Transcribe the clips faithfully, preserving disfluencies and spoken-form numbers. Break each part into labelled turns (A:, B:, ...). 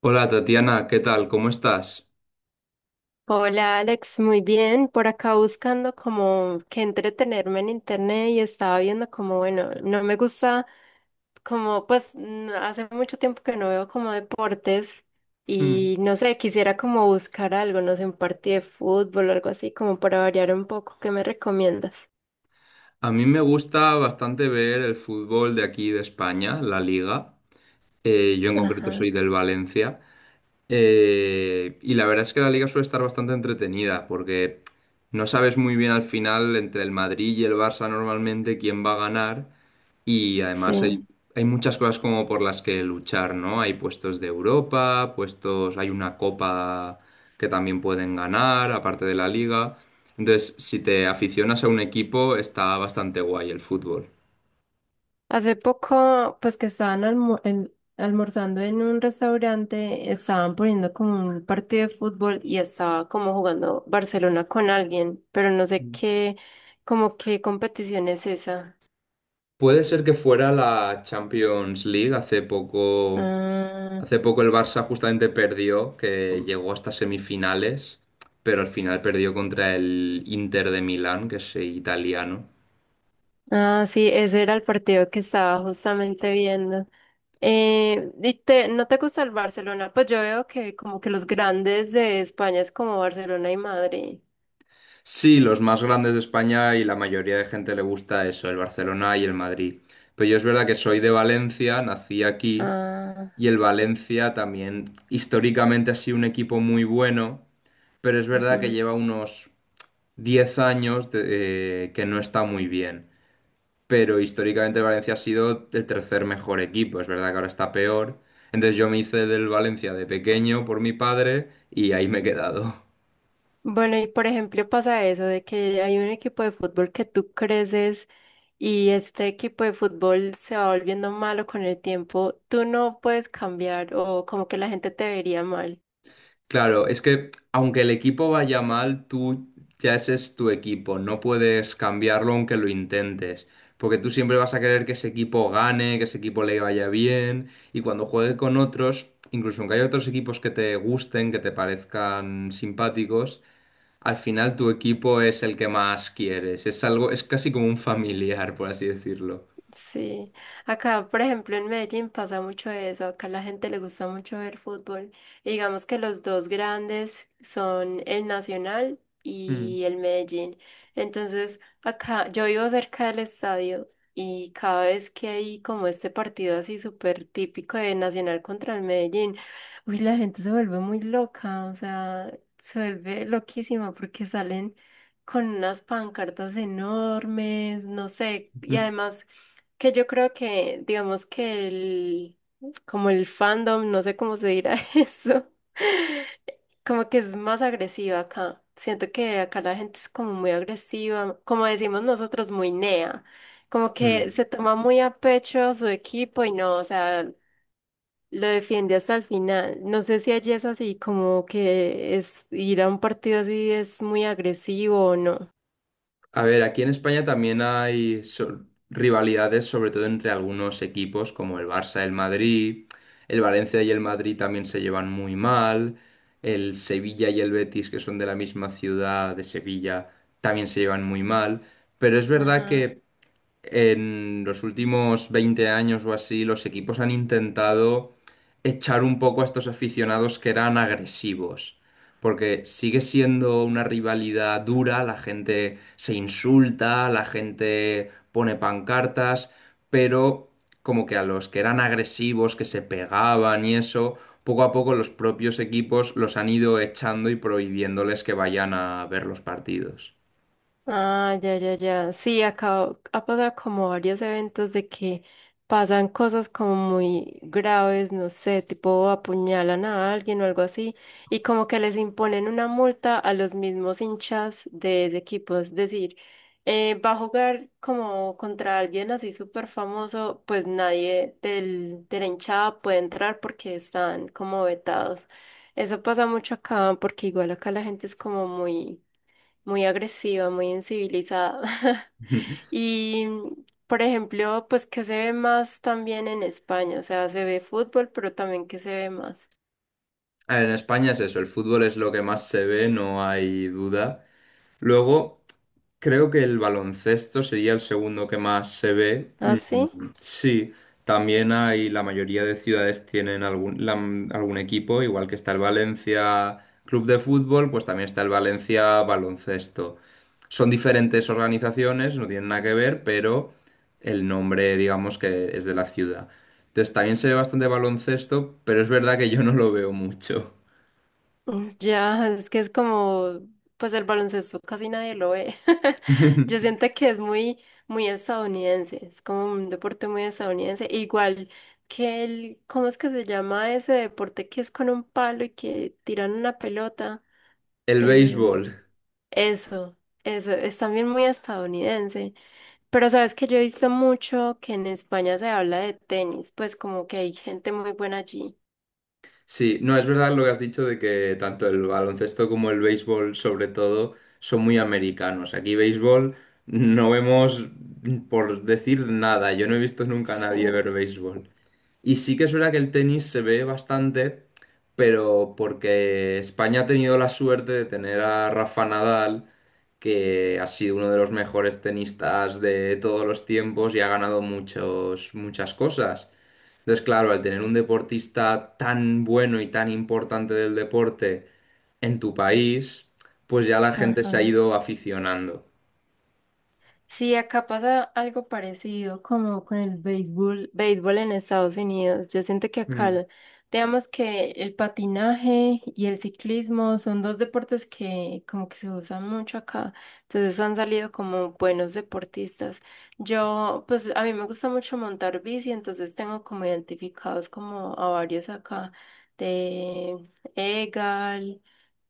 A: Hola Tatiana, ¿qué tal? ¿Cómo estás?
B: Hola Alex, muy bien. Por acá buscando como que entretenerme en internet y estaba viendo como, bueno, no me gusta como, pues n- hace mucho tiempo que no veo como deportes
A: Hmm.
B: y no sé, quisiera como buscar algo, no sé, un partido de fútbol o algo así como para variar un poco. ¿Qué me recomiendas?
A: A mí me gusta bastante ver el fútbol de aquí de España, la Liga. Eh, yo en concreto
B: Ajá,
A: soy del Valencia. Eh, y la verdad es que la Liga suele estar bastante entretenida porque no sabes muy bien al final entre el Madrid y el Barça normalmente quién va a ganar. Y además hay,
B: sí.
A: hay muchas cosas como por las que luchar, ¿no? Hay puestos de Europa, puestos, hay una copa que también pueden ganar, aparte de la liga. Entonces, si te aficionas a un equipo, está bastante guay el fútbol.
B: Hace poco, pues que estaban almu- en- almorzando en un restaurante, estaban poniendo como un partido de fútbol y estaba como jugando Barcelona con alguien, pero no sé qué, como qué competición es esa.
A: Puede ser que fuera la Champions League hace poco.
B: Ah,
A: Hace poco el Barça justamente perdió, que llegó hasta semifinales, pero al final perdió contra el Inter de Milán, que es eh, italiano.
B: ah, sí, ese era el partido que estaba justamente viendo. Eh, ¿y te- no te gusta el Barcelona? Pues yo veo que como que los grandes de España es como Barcelona y Madrid.
A: Sí, los más grandes de España y la mayoría de gente le gusta eso, el Barcelona y el Madrid. Pero yo es verdad que soy de Valencia, nací aquí
B: Ah.
A: y el Valencia también históricamente ha sido un equipo muy bueno, pero es verdad que lleva unos diez años de- eh, que no está muy bien. Pero históricamente el Valencia ha sido el tercer mejor equipo, es verdad que ahora está peor. Entonces yo me hice del Valencia de pequeño por mi padre y ahí me he quedado.
B: Bueno, y por ejemplo pasa eso de que hay un equipo de fútbol que tú creces y este equipo de fútbol se va volviendo malo con el tiempo. Tú no puedes cambiar o como que la gente te vería mal.
A: Claro, es que aunque el equipo vaya mal, tú ya ese es tu equipo, no puedes cambiarlo aunque lo intentes, porque tú siempre vas a querer que ese equipo gane, que ese equipo le vaya bien, y cuando juegue con otros, incluso aunque haya otros equipos que te gusten, que te parezcan simpáticos, al final tu equipo es el que más quieres, es algo, es casi como un familiar, por así decirlo.
B: Sí, acá por ejemplo en Medellín pasa mucho eso, acá la gente le gusta mucho ver fútbol. Y digamos que los dos grandes son el Nacional
A: Mm.
B: y el Medellín. Entonces, acá yo vivo cerca del estadio y cada vez que hay como este partido así súper típico de Nacional contra el Medellín, uy, la gente se vuelve muy loca, o sea, se vuelve loquísima porque salen con unas pancartas enormes, no sé, y además... Que yo creo que, digamos que el, como el fandom, no sé cómo se dirá eso, como que es más agresiva acá. Siento que acá la gente es como muy agresiva, como decimos nosotros, muy nea. Como
A: Mm, mm.
B: que se toma muy a pecho a su equipo y no, o sea, lo defiende hasta el final. No sé si allí es así, como que es ir a un partido así es muy agresivo o no.
A: A ver, aquí en España también hay so- rivalidades, sobre todo entre algunos equipos como el Barça, el Madrid, el Valencia y el Madrid también se llevan muy mal, el Sevilla y el Betis, que son de la misma ciudad de Sevilla, también se llevan muy mal, pero es verdad, Sí.
B: Ajá.
A: que en los últimos veinte años o así, los equipos han intentado echar un poco a estos aficionados que eran agresivos. Porque sigue siendo una rivalidad dura, la gente se insulta, la gente pone pancartas, pero como que a los que eran agresivos, que se pegaban y eso, poco a poco los propios equipos los han ido echando y prohibiéndoles que vayan a ver los partidos.
B: Ah, ya, ya, ya. Sí, acá ha pasado como varios eventos de que pasan cosas como muy graves, no sé, tipo apuñalan a alguien o algo así, y como que les imponen una multa a los mismos hinchas de ese equipo. Es decir, eh, va a jugar como contra alguien así súper famoso, pues nadie del, de la hinchada puede entrar porque están como vetados. Eso pasa mucho acá, porque igual acá la gente es como muy muy agresiva, muy incivilizada. Y, por ejemplo, pues que se ve más también en España, o sea, se ve fútbol, pero también que se ve más.
A: A ver, en España es eso, el fútbol es lo que más se ve, no hay duda. Luego, creo que el baloncesto sería el segundo que más se ve.
B: ¿Ah, sí?
A: Sí, también hay, la mayoría de ciudades tienen algún, la- algún equipo, igual que está el Valencia Club de Fútbol, pues también está el Valencia Baloncesto. Son diferentes organizaciones, no tienen nada que ver, pero el nombre, digamos, que es de la ciudad. Entonces, también se ve bastante baloncesto, pero es verdad que yo no lo veo mucho.
B: Mm, ya, es que es como, pues el baloncesto casi nadie lo ve. Yo siento que es muy, muy estadounidense, es como un deporte muy estadounidense. E igual que el, ¿cómo es que se llama ese deporte que es con un palo y que tiran una pelota?
A: El
B: Em,
A: béisbol.
B: Eso, eso, es también muy estadounidense. Pero sabes que yo he visto mucho que en España se habla de tenis, pues como que hay gente muy buena allí.
A: Sí, no, es verdad lo que has dicho de que tanto el baloncesto como el béisbol, sobre todo, son muy americanos. Aquí béisbol no vemos, por decir nada, yo no he visto nunca a nadie
B: Sí.
A: ver béisbol. Y sí que es verdad que el tenis se ve bastante, pero porque España ha tenido la suerte de tener a Rafa Nadal, que ha sido uno de los mejores tenistas de todos los tiempos y ha ganado muchos, muchas cosas. Entonces, claro, al tener un deportista tan bueno y tan importante del deporte en tu país, pues ya la gente se ha
B: Ajá.
A: ido aficionando.
B: Sí, acá pasa algo parecido como con el béisbol, béisbol en Estados Unidos. Yo siento que acá,
A: Mm.
B: el- digamos que el patinaje y el ciclismo son dos deportes que como que se usan mucho acá. Entonces han salido como buenos deportistas. Yo, pues a mí me gusta mucho montar bici, entonces tengo como identificados como a varios acá de Egal.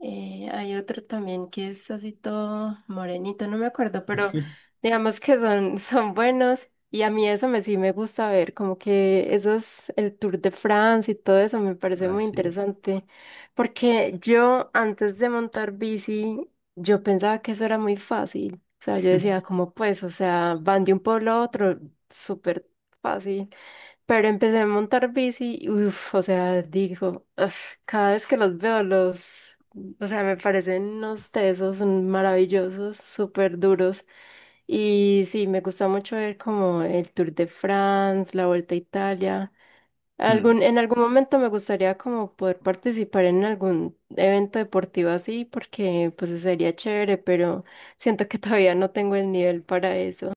B: Eh, hay otro también que es así todo morenito, no me acuerdo, pero digamos que son, son buenos y a mí eso me sí me gusta ver, como que eso es el Tour de France y todo eso me parece muy
A: Así.
B: interesante, porque yo antes de montar bici, yo pensaba que eso era muy fácil, o sea, yo decía, como pues, o sea, van de un pueblo a otro, súper fácil. Pero empecé a montar bici, uff, o sea, digo, "Uf, cada vez que los veo los o sea, me parecen unos tesos maravillosos, súper duros. Y sí, me gusta mucho ver como el Tour de France, la Vuelta a Italia.
A: Mm.
B: Algún, en algún momento me gustaría como poder participar en algún evento deportivo así, porque pues sería chévere, pero siento que todavía no tengo el nivel para eso.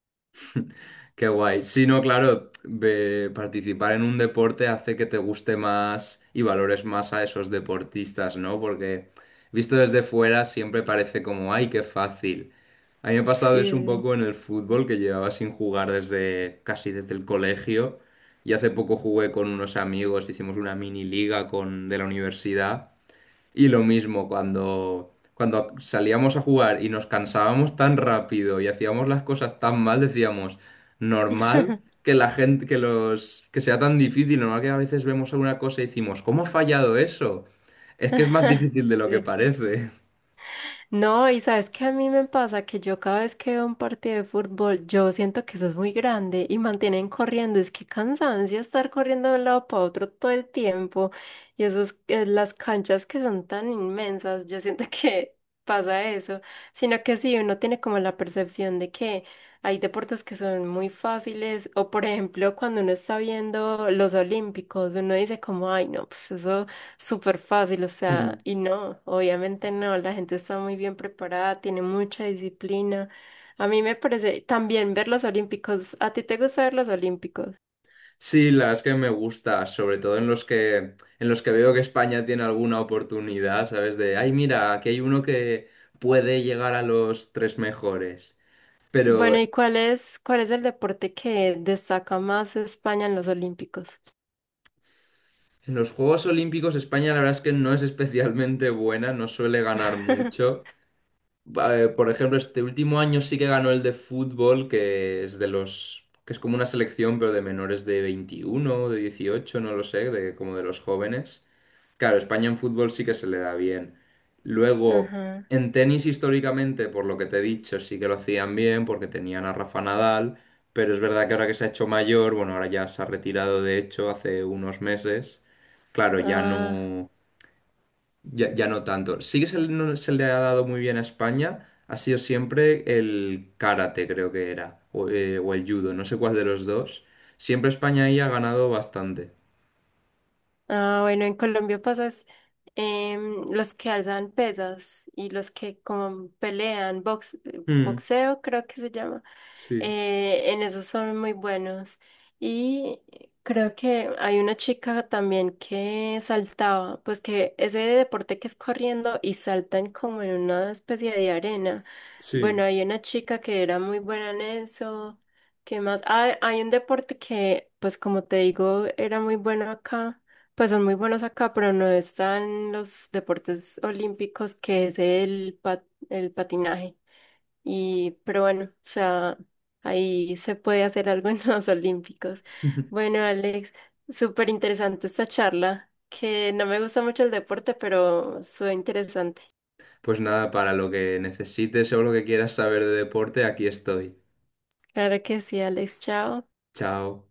A: Qué guay. Sí, no, claro, ve- participar en un deporte hace que te guste más y valores más a esos deportistas, ¿no? Porque visto desde fuera siempre parece como, ay, qué fácil. A mí me ha pasado eso un
B: Sí,
A: poco en el fútbol, que llevaba sin jugar desde casi desde el colegio. Y hace poco jugué con unos amigos, hicimos una mini liga con, de la universidad. Y lo mismo cuando, cuando salíamos a jugar y nos cansábamos tan rápido y hacíamos las cosas tan mal, decíamos,
B: sí.
A: normal que la gente, que los, que sea tan difícil, normal que a veces vemos alguna cosa y decimos, ¿cómo ha fallado eso? Es que es más difícil de lo que
B: Sí.
A: parece.
B: No, y sabes que a mí me pasa que yo cada vez que veo un partido de fútbol, yo siento que eso es muy grande y mantienen corriendo. Es que cansancio estar corriendo de un lado para otro todo el tiempo. Y esos, eh, las canchas que son tan inmensas, yo siento que pasa eso. Sino que sí, uno tiene como la percepción de que hay deportes que son muy fáciles. O por ejemplo, cuando uno está viendo los olímpicos, uno dice como, ay, no, pues eso. Súper fácil, o sea,
A: Mm.
B: y no, obviamente no, la gente está muy bien preparada, tiene mucha disciplina. A mí me parece también ver los olímpicos, ¿a ti te gusta ver los olímpicos?
A: Sí, la verdad es que me gusta, sobre todo en los que, en los que veo que España tiene alguna oportunidad, ¿sabes? De, ay, mira, aquí hay uno que puede llegar a los tres mejores. Pero
B: Bueno, ¿y cuál es, cuál es el deporte que destaca más España en los olímpicos?
A: en los Juegos Olímpicos España la verdad es que no es especialmente buena, no suele ganar mucho. Eh, por ejemplo, este último año sí que ganó el de fútbol, que es de los, que es como una selección, pero de menores de veintiuno o de dieciocho no lo sé, de como de los jóvenes. Claro, España en fútbol sí que se le da bien. Luego,
B: Ajá.
A: en tenis históricamente, por lo que te he dicho, sí que lo hacían bien porque tenían a Rafa Nadal, pero es verdad que ahora que se ha hecho mayor, bueno, ahora ya se ha retirado de hecho hace unos meses, claro, ya
B: Ah.
A: no, ya, ya no tanto. Sí que se le, no se le ha dado muy bien a España, ha sido siempre el karate, creo que era, o, eh, o el judo, no sé cuál de los dos. Siempre España ahí ha ganado bastante.
B: Ah, bueno, en Colombia pasas em, los que alzan pesas y los que como pelean, box, eh,
A: Mm,
B: boxeo creo que se llama.
A: sí,
B: Eh, en esos son muy buenos. Y creo que hay una chica también que saltaba, pues que ese deporte que es corriendo y saltan como en una especie de arena.
A: sí.
B: Bueno, hay una chica que era muy buena en eso. ¿Qué más? Ah, hay un deporte que, pues como te digo, era muy bueno acá pues son muy buenos acá, pero no están los deportes olímpicos que es el, pa- el patinaje. Y, pero bueno, o sea, ahí se puede hacer algo en los olímpicos. Bueno, Alex, súper interesante esta charla, que no me gusta mucho el deporte, pero fue interesante.
A: Pues nada, para lo que necesites o lo que quieras saber de deporte, aquí estoy.
B: Claro que sí, Alex, chao.
A: Chao.